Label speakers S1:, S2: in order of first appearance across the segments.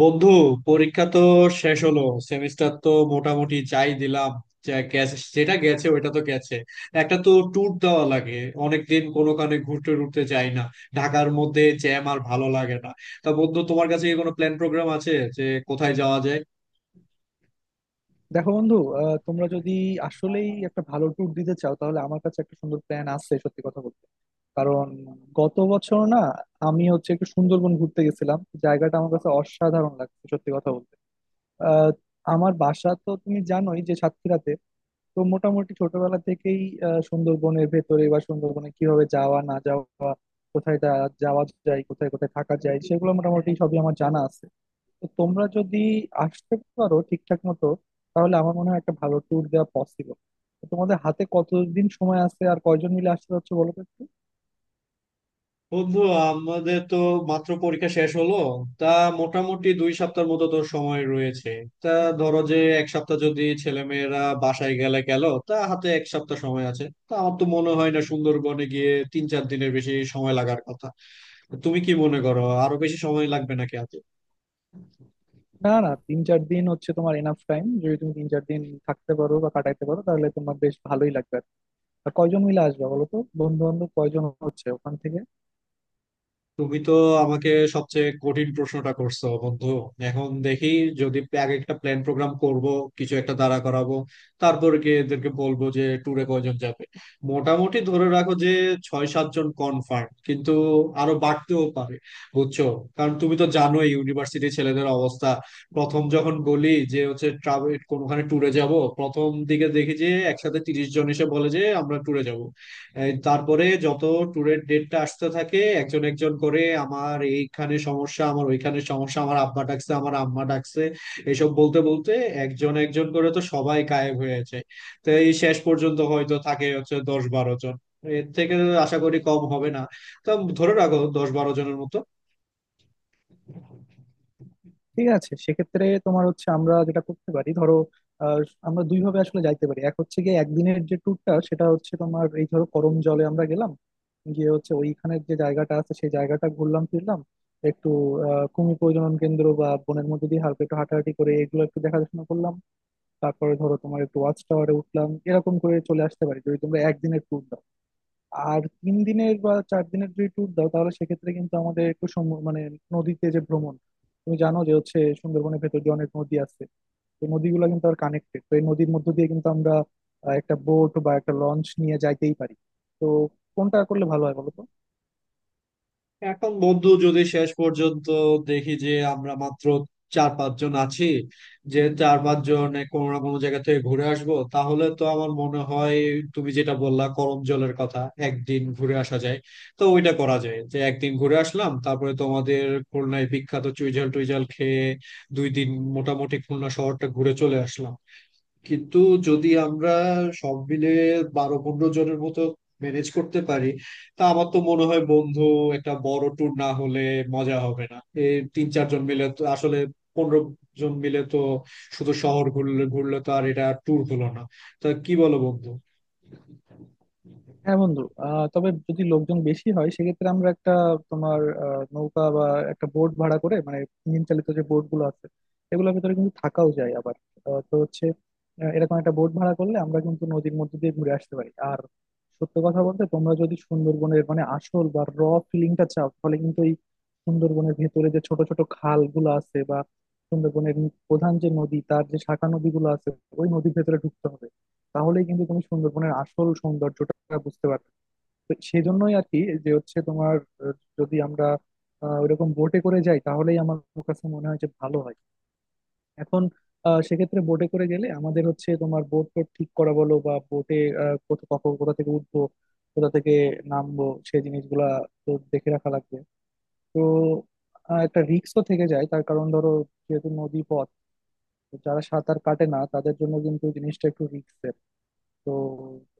S1: বন্ধু, পরীক্ষা তো শেষ হলো। সেমিস্টার তো মোটামুটি যাই দিলাম, যা গেছে যেটা গেছে ওটা তো গেছে। একটা তো ট্যুর দেওয়া লাগে। অনেকদিন কোনো কানে ঘুরতে টুরতে যাই না। ঢাকার মধ্যে জ্যাম আর ভালো লাগে না। তা বন্ধু, তোমার কাছে কি কোনো প্ল্যান প্রোগ্রাম আছে যে কোথায় যাওয়া যায়?
S2: দেখো বন্ধু তোমরা যদি আসলেই একটা ভালো ট্যুর দিতে চাও তাহলে আমার কাছে একটা সুন্দর প্ল্যান আছে, সত্যি কথা বলতে। কারণ গত বছর না আমি হচ্ছে একটু সুন্দরবন ঘুরতে গেছিলাম। জায়গাটা আমার কাছে অসাধারণ লাগছে, সত্যি কথা বলতে। আহ, আমার বাসা তো তুমি জানোই যে সাতক্ষীরাতে। তো মোটামুটি ছোটবেলা থেকেই সুন্দরবনের ভেতরে বা সুন্দরবনে কিভাবে যাওয়া না যাওয়া, কোথায় যাওয়া যায়, কোথায় কোথায় থাকা যায় সেগুলো মোটামুটি সবই আমার জানা আছে। তো তোমরা যদি আসতে পারো ঠিকঠাক মতো তাহলে আমার মনে হয় একটা ভালো ট্যুর দেওয়া পসিবল। তোমাদের হাতে কতদিন সময় আছে আর কয়জন মিলে আসতে হচ্ছে বলো তো একটু?
S1: বন্ধু, আমাদের তো মাত্র পরীক্ষা শেষ হলো। তা মোটামুটি 2 সপ্তাহ মতো তোর সময় রয়েছে। তা ধরো যে এক সপ্তাহ যদি ছেলেমেয়েরা বাসায় গেলে গেল, তা হাতে এক সপ্তাহ সময় আছে। তা আমার তো মনে হয় না সুন্দরবনে গিয়ে 3-4 দিনের বেশি সময় লাগার কথা। তুমি কি মনে করো আরো বেশি সময় লাগবে নাকি হাতে?
S2: না না, তিন চার দিন হচ্ছে তোমার এনাফ টাইম। যদি তুমি তিন চার দিন থাকতে পারো বা কাটাইতে পারো তাহলে তোমার বেশ ভালোই লাগবে। আর কয়জন মিলে আসবে বলো তো, বন্ধু বান্ধব কয়জন হচ্ছে ওখান থেকে?
S1: তুমি তো আমাকে সবচেয়ে কঠিন প্রশ্নটা করছো বন্ধু। এখন দেখি, যদি আগে একটা প্ল্যান প্রোগ্রাম করব, কিছু একটা দাঁড়া করাবো, তারপর গিয়ে এদেরকে বলবো যে ট্যুরে কয়জন যাবে। মোটামুটি ধরে রাখো যে 6-7 জন কনফার্ম, কিন্তু আরো বাড়তেও পারে, বুঝছো। কারণ তুমি তো জানোই ইউনিভার্সিটি ছেলেদের অবস্থা। প্রথম যখন বলি যে হচ্ছে ট্রাভেল কোনোখানে ট্যুরে যাব, প্রথম দিকে দেখি যে একসাথে 30 জন এসে বলে যে আমরা ট্যুরে যাব। এই তারপরে যত ট্যুরের ডেটটা আসতে থাকে একজন একজন করে, আমার এইখানে সমস্যা, আমার ওইখানে সমস্যা, আমার আব্বা ডাকছে, আমার আম্মা ডাকছে, এসব বলতে বলতে একজন একজন করে তো সবাই গায়েব হয়ে যায়। তো এই শেষ পর্যন্ত হয়তো থাকে হচ্ছে 10-12 জন। এর থেকে আশা করি কম হবে না। তো ধরে রাখো 10-12 জনের মতো।
S2: ঠিক আছে, সেক্ষেত্রে তোমার হচ্ছে আমরা যেটা করতে পারি, ধরো আহ, আমরা দুই ভাবে আসলে যাইতে পারি। এক হচ্ছে গিয়ে একদিনের যে ট্যুরটা, সেটা হচ্ছে তোমার, এই ধরো, করম জলে আমরা গেলাম, গিয়ে হচ্ছে ওইখানের যে জায়গাটা আছে সেই জায়গাটা ঘুরলাম ফিরলাম, একটু কুমির প্রজনন কেন্দ্র বা বনের মধ্যে দিয়ে হালকা একটু হাঁটাহাঁটি করে এগুলো একটু দেখাশোনা করলাম। তারপরে ধরো তোমার একটু ওয়াচ টাওয়ারে উঠলাম, এরকম করে চলে আসতে পারি যদি তোমরা একদিনের ট্যুর দাও। আর তিন দিনের বা চার দিনের যদি ট্যুর দাও তাহলে সেক্ষেত্রে কিন্তু আমাদের একটু মানে নদীতে যে ভ্রমণ, তুমি জানো যে হচ্ছে সুন্দরবনের ভেতর যে অনেক নদী আছে, তো নদীগুলো কিন্তু আর কানেক্টেড। তো এই নদীর মধ্য দিয়ে কিন্তু আমরা একটা বোট বা একটা লঞ্চ নিয়ে যাইতেই পারি। তো কোনটা করলে ভালো হয় বলো তো?
S1: এখন বন্ধু, যদি শেষ পর্যন্ত দেখি যে আমরা মাত্র 4-5 জন আছি, যে 4-5 জন কোনো না কোনো জায়গা থেকে ঘুরে আসবো, তাহলে তো আমার মনে হয় তুমি যেটা বললা করম জলের কথা, একদিন ঘুরে আসা যায়। তো ওইটা করা যায় যে একদিন ঘুরে আসলাম, তারপরে তোমাদের খুলনায় বিখ্যাত চুইঝাল টুইঝাল খেয়ে 2 দিন মোটামুটি খুলনা শহরটা ঘুরে চলে আসলাম। কিন্তু যদি আমরা সব মিলে 12-15 জনের মতো ম্যানেজ করতে পারি, তা আমার তো মনে হয় বন্ধু একটা বড় ট্যুর না হলে মজা হবে না। এই 3-4 জন মিলে তো আসলে, 15 জন মিলে তো শুধু শহর ঘুরলে ঘুরলে তো আর এটা ট্যুর হলো না। তা কি বলো বন্ধু?
S2: হ্যাঁ বন্ধু, তবে যদি লোকজন বেশি হয় সেক্ষেত্রে আমরা একটা, তোমার নৌকা বা একটা বোট ভাড়া করে, মানে ইঞ্জিন চালিত যে বোট গুলো আছে এগুলোর ভিতরে কিন্তু থাকাও যায় আবার। তো হচ্ছে এরকম একটা বোট ভাড়া করলে আমরা কিন্তু নদীর মধ্যে দিয়ে ঘুরে আসতে পারি। আর সত্য কথা বলতে তোমরা যদি সুন্দরবনের, মানে আসল বা র ফিলিংটা চাও, তাহলে কিন্তু এই সুন্দরবনের ভেতরে যে ছোট ছোট খাল গুলো আছে বা সুন্দরবনের প্রধান যে নদী, তার যে শাখা নদীগুলো আছে, ওই নদীর ভেতরে ঢুকতে হবে। তাহলেই কিন্তু তুমি সুন্দরবনের আসল সৌন্দর্যটা বুঝতে পারবে। তো সেই জন্যই আর কি, যে হচ্ছে তোমার আহ, যদি আমরা ওইরকম বোটে করে যাই তাহলেই আমার কাছে মনে হয় যে ভালো হয়। এখন সেক্ষেত্রে বোটে করে গেলে আমাদের হচ্ছে তোমার বোট টোট ঠিক করা বলো বা বোটে কোথা কখন কোথা থেকে উঠবো, কোথা থেকে নামবো, সেই জিনিসগুলা তো দেখে রাখা লাগবে। তো একটা রিস্কও থেকে যায়, তার কারণ ধরো যেহেতু নদী পথ, যারা সাঁতার কাটে না তাদের জন্য কিন্তু জিনিসটা একটু রিস্ক। তো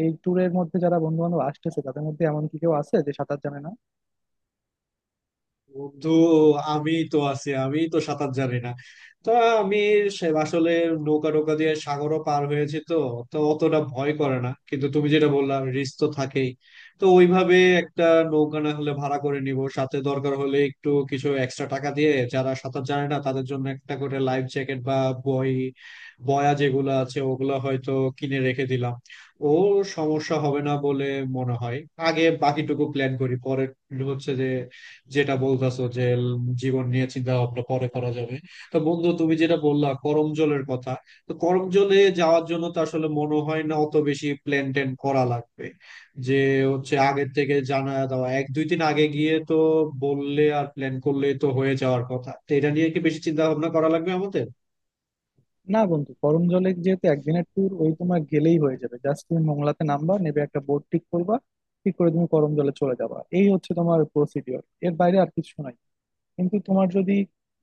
S2: এই ট্যুরের মধ্যে যারা বন্ধু বান্ধব আসতেছে তাদের মধ্যে এমন কি কেউ আছে যে সাঁতার জানে না?
S1: বন্ধু, আমি তো আছি, আমি তো সাঁতার জানি না। তো আমি, সে আসলে নৌকা নৌকা দিয়ে সাগরও পার হয়েছি তো, তো অতটা ভয় করে না। কিন্তু তুমি যেটা বললাম, রিস্ক তো থাকেই। তো ওইভাবে একটা নৌকা না হলে ভাড়া করে নিব, সাথে দরকার হলে একটু কিছু এক্সট্রা টাকা দিয়ে যারা সাঁতার জানে না তাদের জন্য একটা করে লাইফ জ্যাকেট বা বই বয়া যেগুলো আছে ওগুলো হয়তো কিনে রেখে দিলাম। ও, সমস্যা হবে না বলে মনে হয়। আগে বাকিটুকু প্ল্যান করি, পরে হচ্ছে যে যেটা বলতেছো যে জীবন নিয়ে চিন্তা ভাবনা পরে করা যাবে। তো বন্ধু, তুমি যেটা বললা করমজলের কথা, তো করমজলে যাওয়ার জন্য তো আসলে মনে হয় না অত বেশি প্ল্যান ট্যান করা লাগবে। যে হচ্ছে আগের থেকে জানা দেওয়া, 1-2 দিন আগে গিয়ে তো বললে আর প্ল্যান করলে তো হয়ে যাওয়ার কথা। তো এটা নিয়ে কি বেশি চিন্তা ভাবনা করা লাগবে আমাদের?
S2: না বন্ধু, গরম জলে যেহেতু একদিনের ট্যুর, ওই তোমার গেলেই হয়ে যাবে। জাস্ট তুমি মোংলাতে নামবা, নেবে একটা বোট ঠিক করবা, ঠিক করে তুমি গরম জলে চলে যাবা। এই হচ্ছে তোমার প্রসিডিওর, এর বাইরে আর কিছু নাই। কিন্তু তোমার যদি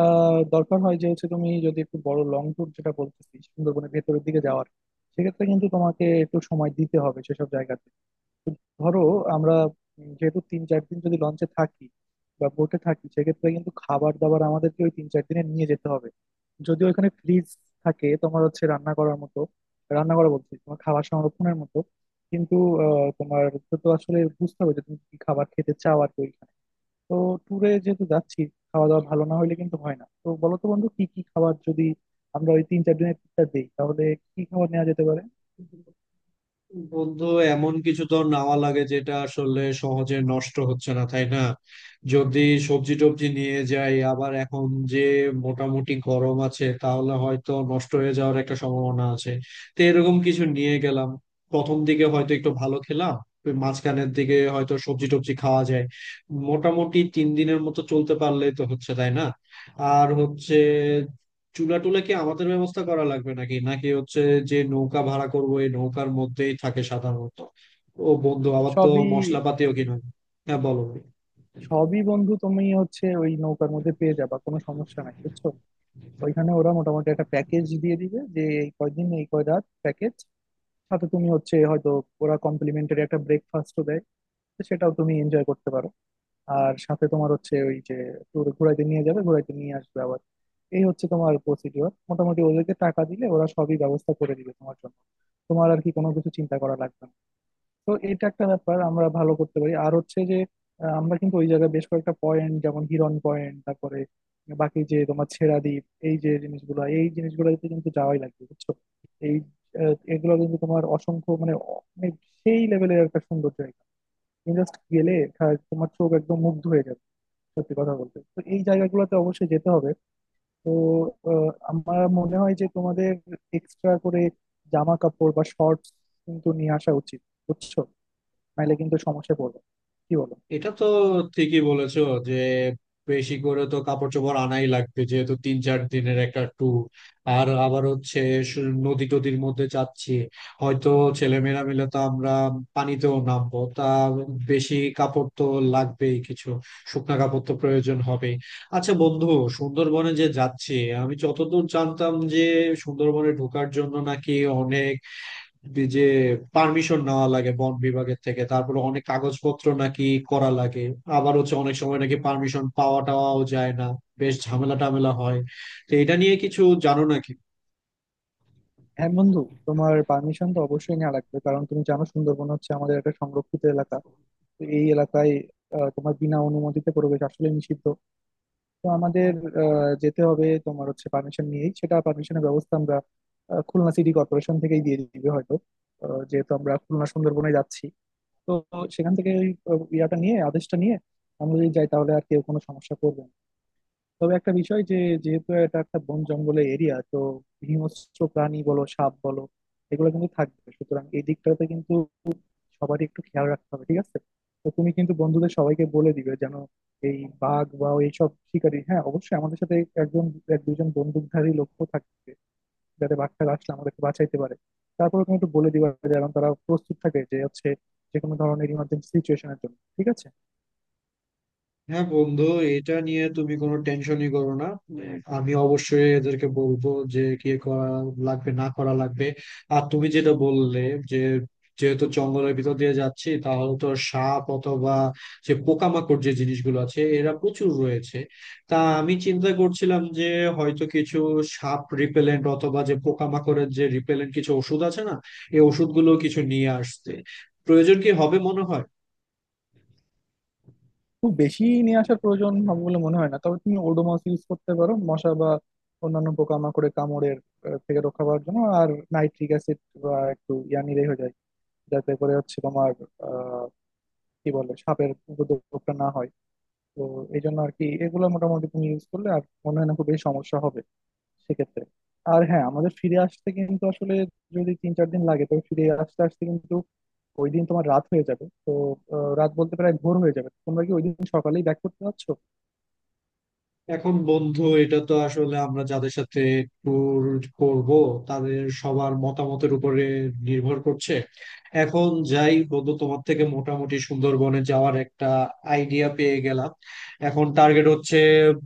S2: দরকার হয় যে হচ্ছে তুমি যদি একটু বড় লং ট্যুর, যেটা বলতেছি সুন্দরবনের ভেতরের দিকে যাওয়ার, সেক্ষেত্রে কিন্তু তোমাকে একটু সময় দিতে হবে সেসব জায়গাতে। ধরো আমরা যেহেতু তিন চার দিন যদি লঞ্চে থাকি বা বোটে থাকি সেক্ষেত্রে কিন্তু খাবার দাবার আমাদেরকে ওই তিন চার দিনে নিয়ে যেতে হবে। যদি ওইখানে ফ্রিজ থাকে তোমার হচ্ছে রান্না করার মতো, রান্না করা বলছি তোমার খাবার সংরক্ষণের মতো। কিন্তু তোমার তো তো আসলে বুঝতে হবে যে তুমি কি খাবার খেতে চাও আর কি ওইখানে। তো ট্যুরে যেহেতু যাচ্ছি, খাওয়া দাওয়া ভালো না হইলে কিন্তু হয় না। তো বলো তো বন্ধু, কি কি খাবার যদি আমরা ওই তিন চার দিনের ট্যুরটা দিই তাহলে কি খাবার নেওয়া যেতে পারে?
S1: বন্ধু, এমন কিছু তো নেওয়া লাগে যেটা আসলে সহজে নষ্ট হচ্ছে না, তাই না? যদি সবজি টবজি নিয়ে যাই আবার এখন যে মোটামুটি গরম আছে, তাহলে হয়তো নষ্ট হয়ে যাওয়ার একটা সম্ভাবনা আছে। তো এরকম কিছু নিয়ে গেলাম, প্রথম দিকে হয়তো একটু ভালো খেলাম, ওই মাঝখানের দিকে হয়তো সবজি টবজি খাওয়া যায়। মোটামুটি 3 দিনের মতো চলতে পারলেই তো হচ্ছে, তাই না? আর হচ্ছে চুলা টুলা কি আমাদের ব্যবস্থা করা লাগবে, নাকি নাকি হচ্ছে যে নৌকা ভাড়া করবো এই নৌকার মধ্যেই থাকে সাধারণত? ও বন্ধু, আবার তো
S2: সবই
S1: মশলাপাতিও কিনা? হ্যাঁ বলো ভাই।
S2: সবই বন্ধু তুমি হচ্ছে ওই নৌকার মধ্যে পেয়ে যাবা, কোনো সমস্যা নাই, বুঝছো। ওইখানে ওরা মোটামুটি একটা প্যাকেজ দিয়ে দিবে যে এই কয়দিন এই কয় রাত প্যাকেজ। সাথে তুমি হচ্ছে হয়তো, ওরা কমপ্লিমেন্টারি একটা ব্রেকফাস্টও দেয়, তো সেটাও তুমি এনজয় করতে পারো। আর সাথে তোমার হচ্ছে ওই যে tour ঘুরাইতে নিয়ে যাবে, ঘুরাইতে নিয়ে আসবে আবার। এই হচ্ছে তোমার প্রসিডিওর, মোটামুটি ওদেরকে টাকা দিলে ওরা সবই ব্যবস্থা করে দিবে তোমার জন্য, তোমার আর কি কোনো কিছু চিন্তা করা লাগবে না। তো এটা একটা ব্যাপার আমরা ভালো করতে পারি। আর হচ্ছে যে আমরা কিন্তু ওই জায়গায় বেশ কয়েকটা পয়েন্ট, যেমন হিরন পয়েন্ট, তারপরে বাকি যে তোমার ছেড়া দ্বীপ, এই যে জিনিসগুলো, এই জিনিসগুলোতে কিন্তু যাওয়াই লাগবে, বুঝছো। এই এগুলো কিন্তু তোমার অসংখ্য, মানে মানে সেই লেভেলের একটা সুন্দর জায়গা। তুমি জাস্ট গেলে তোমার চোখ একদম মুগ্ধ হয়ে যাবে, সত্যি কথা বলতে। তো এই জায়গাগুলোতে অবশ্যই যেতে হবে। তো আমার মনে হয় যে তোমাদের এক্সট্রা করে জামা কাপড় বা শর্টস কিন্তু নিয়ে আসা উচিত, বুঝছো, নাহলে কিন্তু সমস্যায় পড়বে। কি বলো?
S1: এটা তো ঠিকই বলেছো যে বেশি করে তো কাপড় চোপড় আনাই লাগবে, যেহেতু তিন চার দিনের একটা ট্যুর। আর আবার হচ্ছে নদী টদীর মধ্যে যাচ্ছি, হয়তো ছেলেমেয়েরা মিলে তো আমরা পানিতেও নামবো। তা বেশি কাপড় তো লাগবেই, কিছু শুকনা কাপড় তো প্রয়োজন হবে। আচ্ছা বন্ধু, সুন্দরবনে যে যাচ্ছি, আমি যতদূর জানতাম যে সুন্দরবনে ঢোকার জন্য নাকি অনেক যে পারমিশন নেওয়া লাগে বন বিভাগের থেকে, তারপরে অনেক কাগজপত্র নাকি করা লাগে। আবার হচ্ছে অনেক সময় নাকি পারমিশন পাওয়া টাওয়াও যায় না, বেশ ঝামেলা টামেলা হয়। তো এটা নিয়ে কিছু জানো নাকি?
S2: হ্যাঁ বন্ধু, তোমার পারমিশন তো অবশ্যই নেওয়া লাগবে, কারণ তুমি জানো সুন্দরবন হচ্ছে আমাদের একটা সংরক্ষিত এলাকা। তো এই এলাকায় তোমার বিনা অনুমতিতে প্রবেশ আসলে নিষিদ্ধ। তো আমাদের যেতে হবে তোমার হচ্ছে পারমিশন নিয়েই। সেটা পারমিশনের ব্যবস্থা আমরা খুলনা সিটি কর্পোরেশন থেকেই দিয়ে দিবে হয়তো, যেহেতু আমরা খুলনা সুন্দরবনে যাচ্ছি। তো সেখান থেকে ওই ইয়াটা নিয়ে, আদেশটা নিয়ে আমরা যদি যাই তাহলে আর কেউ কোনো সমস্যা করবে না। তবে একটা বিষয় যে, যেহেতু এটা একটা বন জঙ্গলের এরিয়া, তো হিংস্র প্রাণী বলো, সাপ বলো, এগুলো কিন্তু থাকবে। সুতরাং এই দিকটাতে কিন্তু সবারই একটু খেয়াল রাখতে হবে, ঠিক আছে? তো তুমি কিন্তু বন্ধুদের সবাইকে বলে দিবে যেন এই বাঘ বা এইসব শিকারী, হ্যাঁ অবশ্যই আমাদের সাথে একজন, এক দুজন বন্দুকধারী লোকও থাকবে যাতে বাঘটা আসলে আমাদেরকে বাঁচাইতে পারে। তারপরে তুমি একটু বলে দিবা যেন তারা প্রস্তুত থাকে যে হচ্ছে যে কোনো ধরনের ইমার্জেন্সি সিচুয়েশনের জন্য, ঠিক আছে?
S1: হ্যাঁ বন্ধু, এটা নিয়ে তুমি কোনো টেনশনই করো না। আমি অবশ্যই এদেরকে বলবো যে কি করা লাগবে না করা লাগবে। আর তুমি যেটা বললে যে যেহেতু জঙ্গলের ভিতর দিয়ে যাচ্ছি, তাহলে তো সাপ অথবা যে পোকামাকড় যে জিনিসগুলো আছে এরা প্রচুর রয়েছে। তা আমি চিন্তা করছিলাম যে হয়তো কিছু সাপ রিপেলেন্ট অথবা যে পোকামাকড়ের যে রিপেলেন্ট কিছু ওষুধ আছে না, এই ওষুধগুলো কিছু নিয়ে আসতে প্রয়োজন কি হবে মনে হয়?
S2: খুব বেশি নিয়ে আসার প্রয়োজন হবে বলে মনে হয় না, তবে তুমি ওডোমস ইউজ করতে পারো মশা বা অন্যান্য পোকামাকড়ে কামড়ের থেকে রক্ষা পাওয়ার জন্য। আর নাইট্রিক অ্যাসিড বা একটু ইয়া নিলেই হয়ে যায় যাতে করে হচ্ছে তোমার আহ কি বলে সাপের উপদ্রবটা না হয়। তো এই জন্য আর কি, এগুলো মোটামুটি তুমি ইউজ করলে আর মনে হয় না খুব বেশি সমস্যা হবে সেক্ষেত্রে। আর হ্যাঁ, আমাদের ফিরে আসতে কিন্তু আসলে যদি তিন চার দিন লাগে তবে ফিরে আসতে আসতে কিন্তু ওই দিন তোমার রাত হয়ে যাবে। তো রাত বলতে প্রায় ভোর হয়ে যাবে, তোমরা কি ওই দিন সকালেই ব্যাক করতে পারছো?
S1: এখন বন্ধু, এটা তো আসলে আমরা যাদের সাথে ট্যুর করব তাদের সবার মতামতের উপরে নির্ভর করছে। এখন যাই বন্ধু, তোমার থেকে মোটামুটি সুন্দরবনে যাওয়ার একটা আইডিয়া পেয়ে গেলাম। এখন টার্গেট হচ্ছে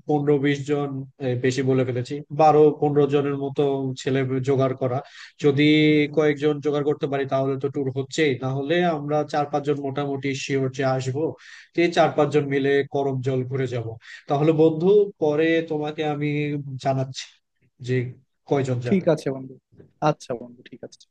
S1: 15-20 জন, বেশি বলে ফেলেছি, 12-15 জনের মতো ছেলে জোগাড় করা। যদি কয়েকজন জোগাড় করতে পারি তাহলে তো ট্যুর হচ্ছেই, তাহলে আমরা 4-5 জন মোটামুটি শিওর যে আসবো। তো এই 4-5 জন মিলে করমজল ঘুরে যাব। তাহলে বন্ধু, পরে তোমাকে আমি জানাচ্ছি যে কয়জন
S2: ঠিক
S1: যাবে।
S2: আছে বন্ধু। আচ্ছা বন্ধু, ঠিক আছে।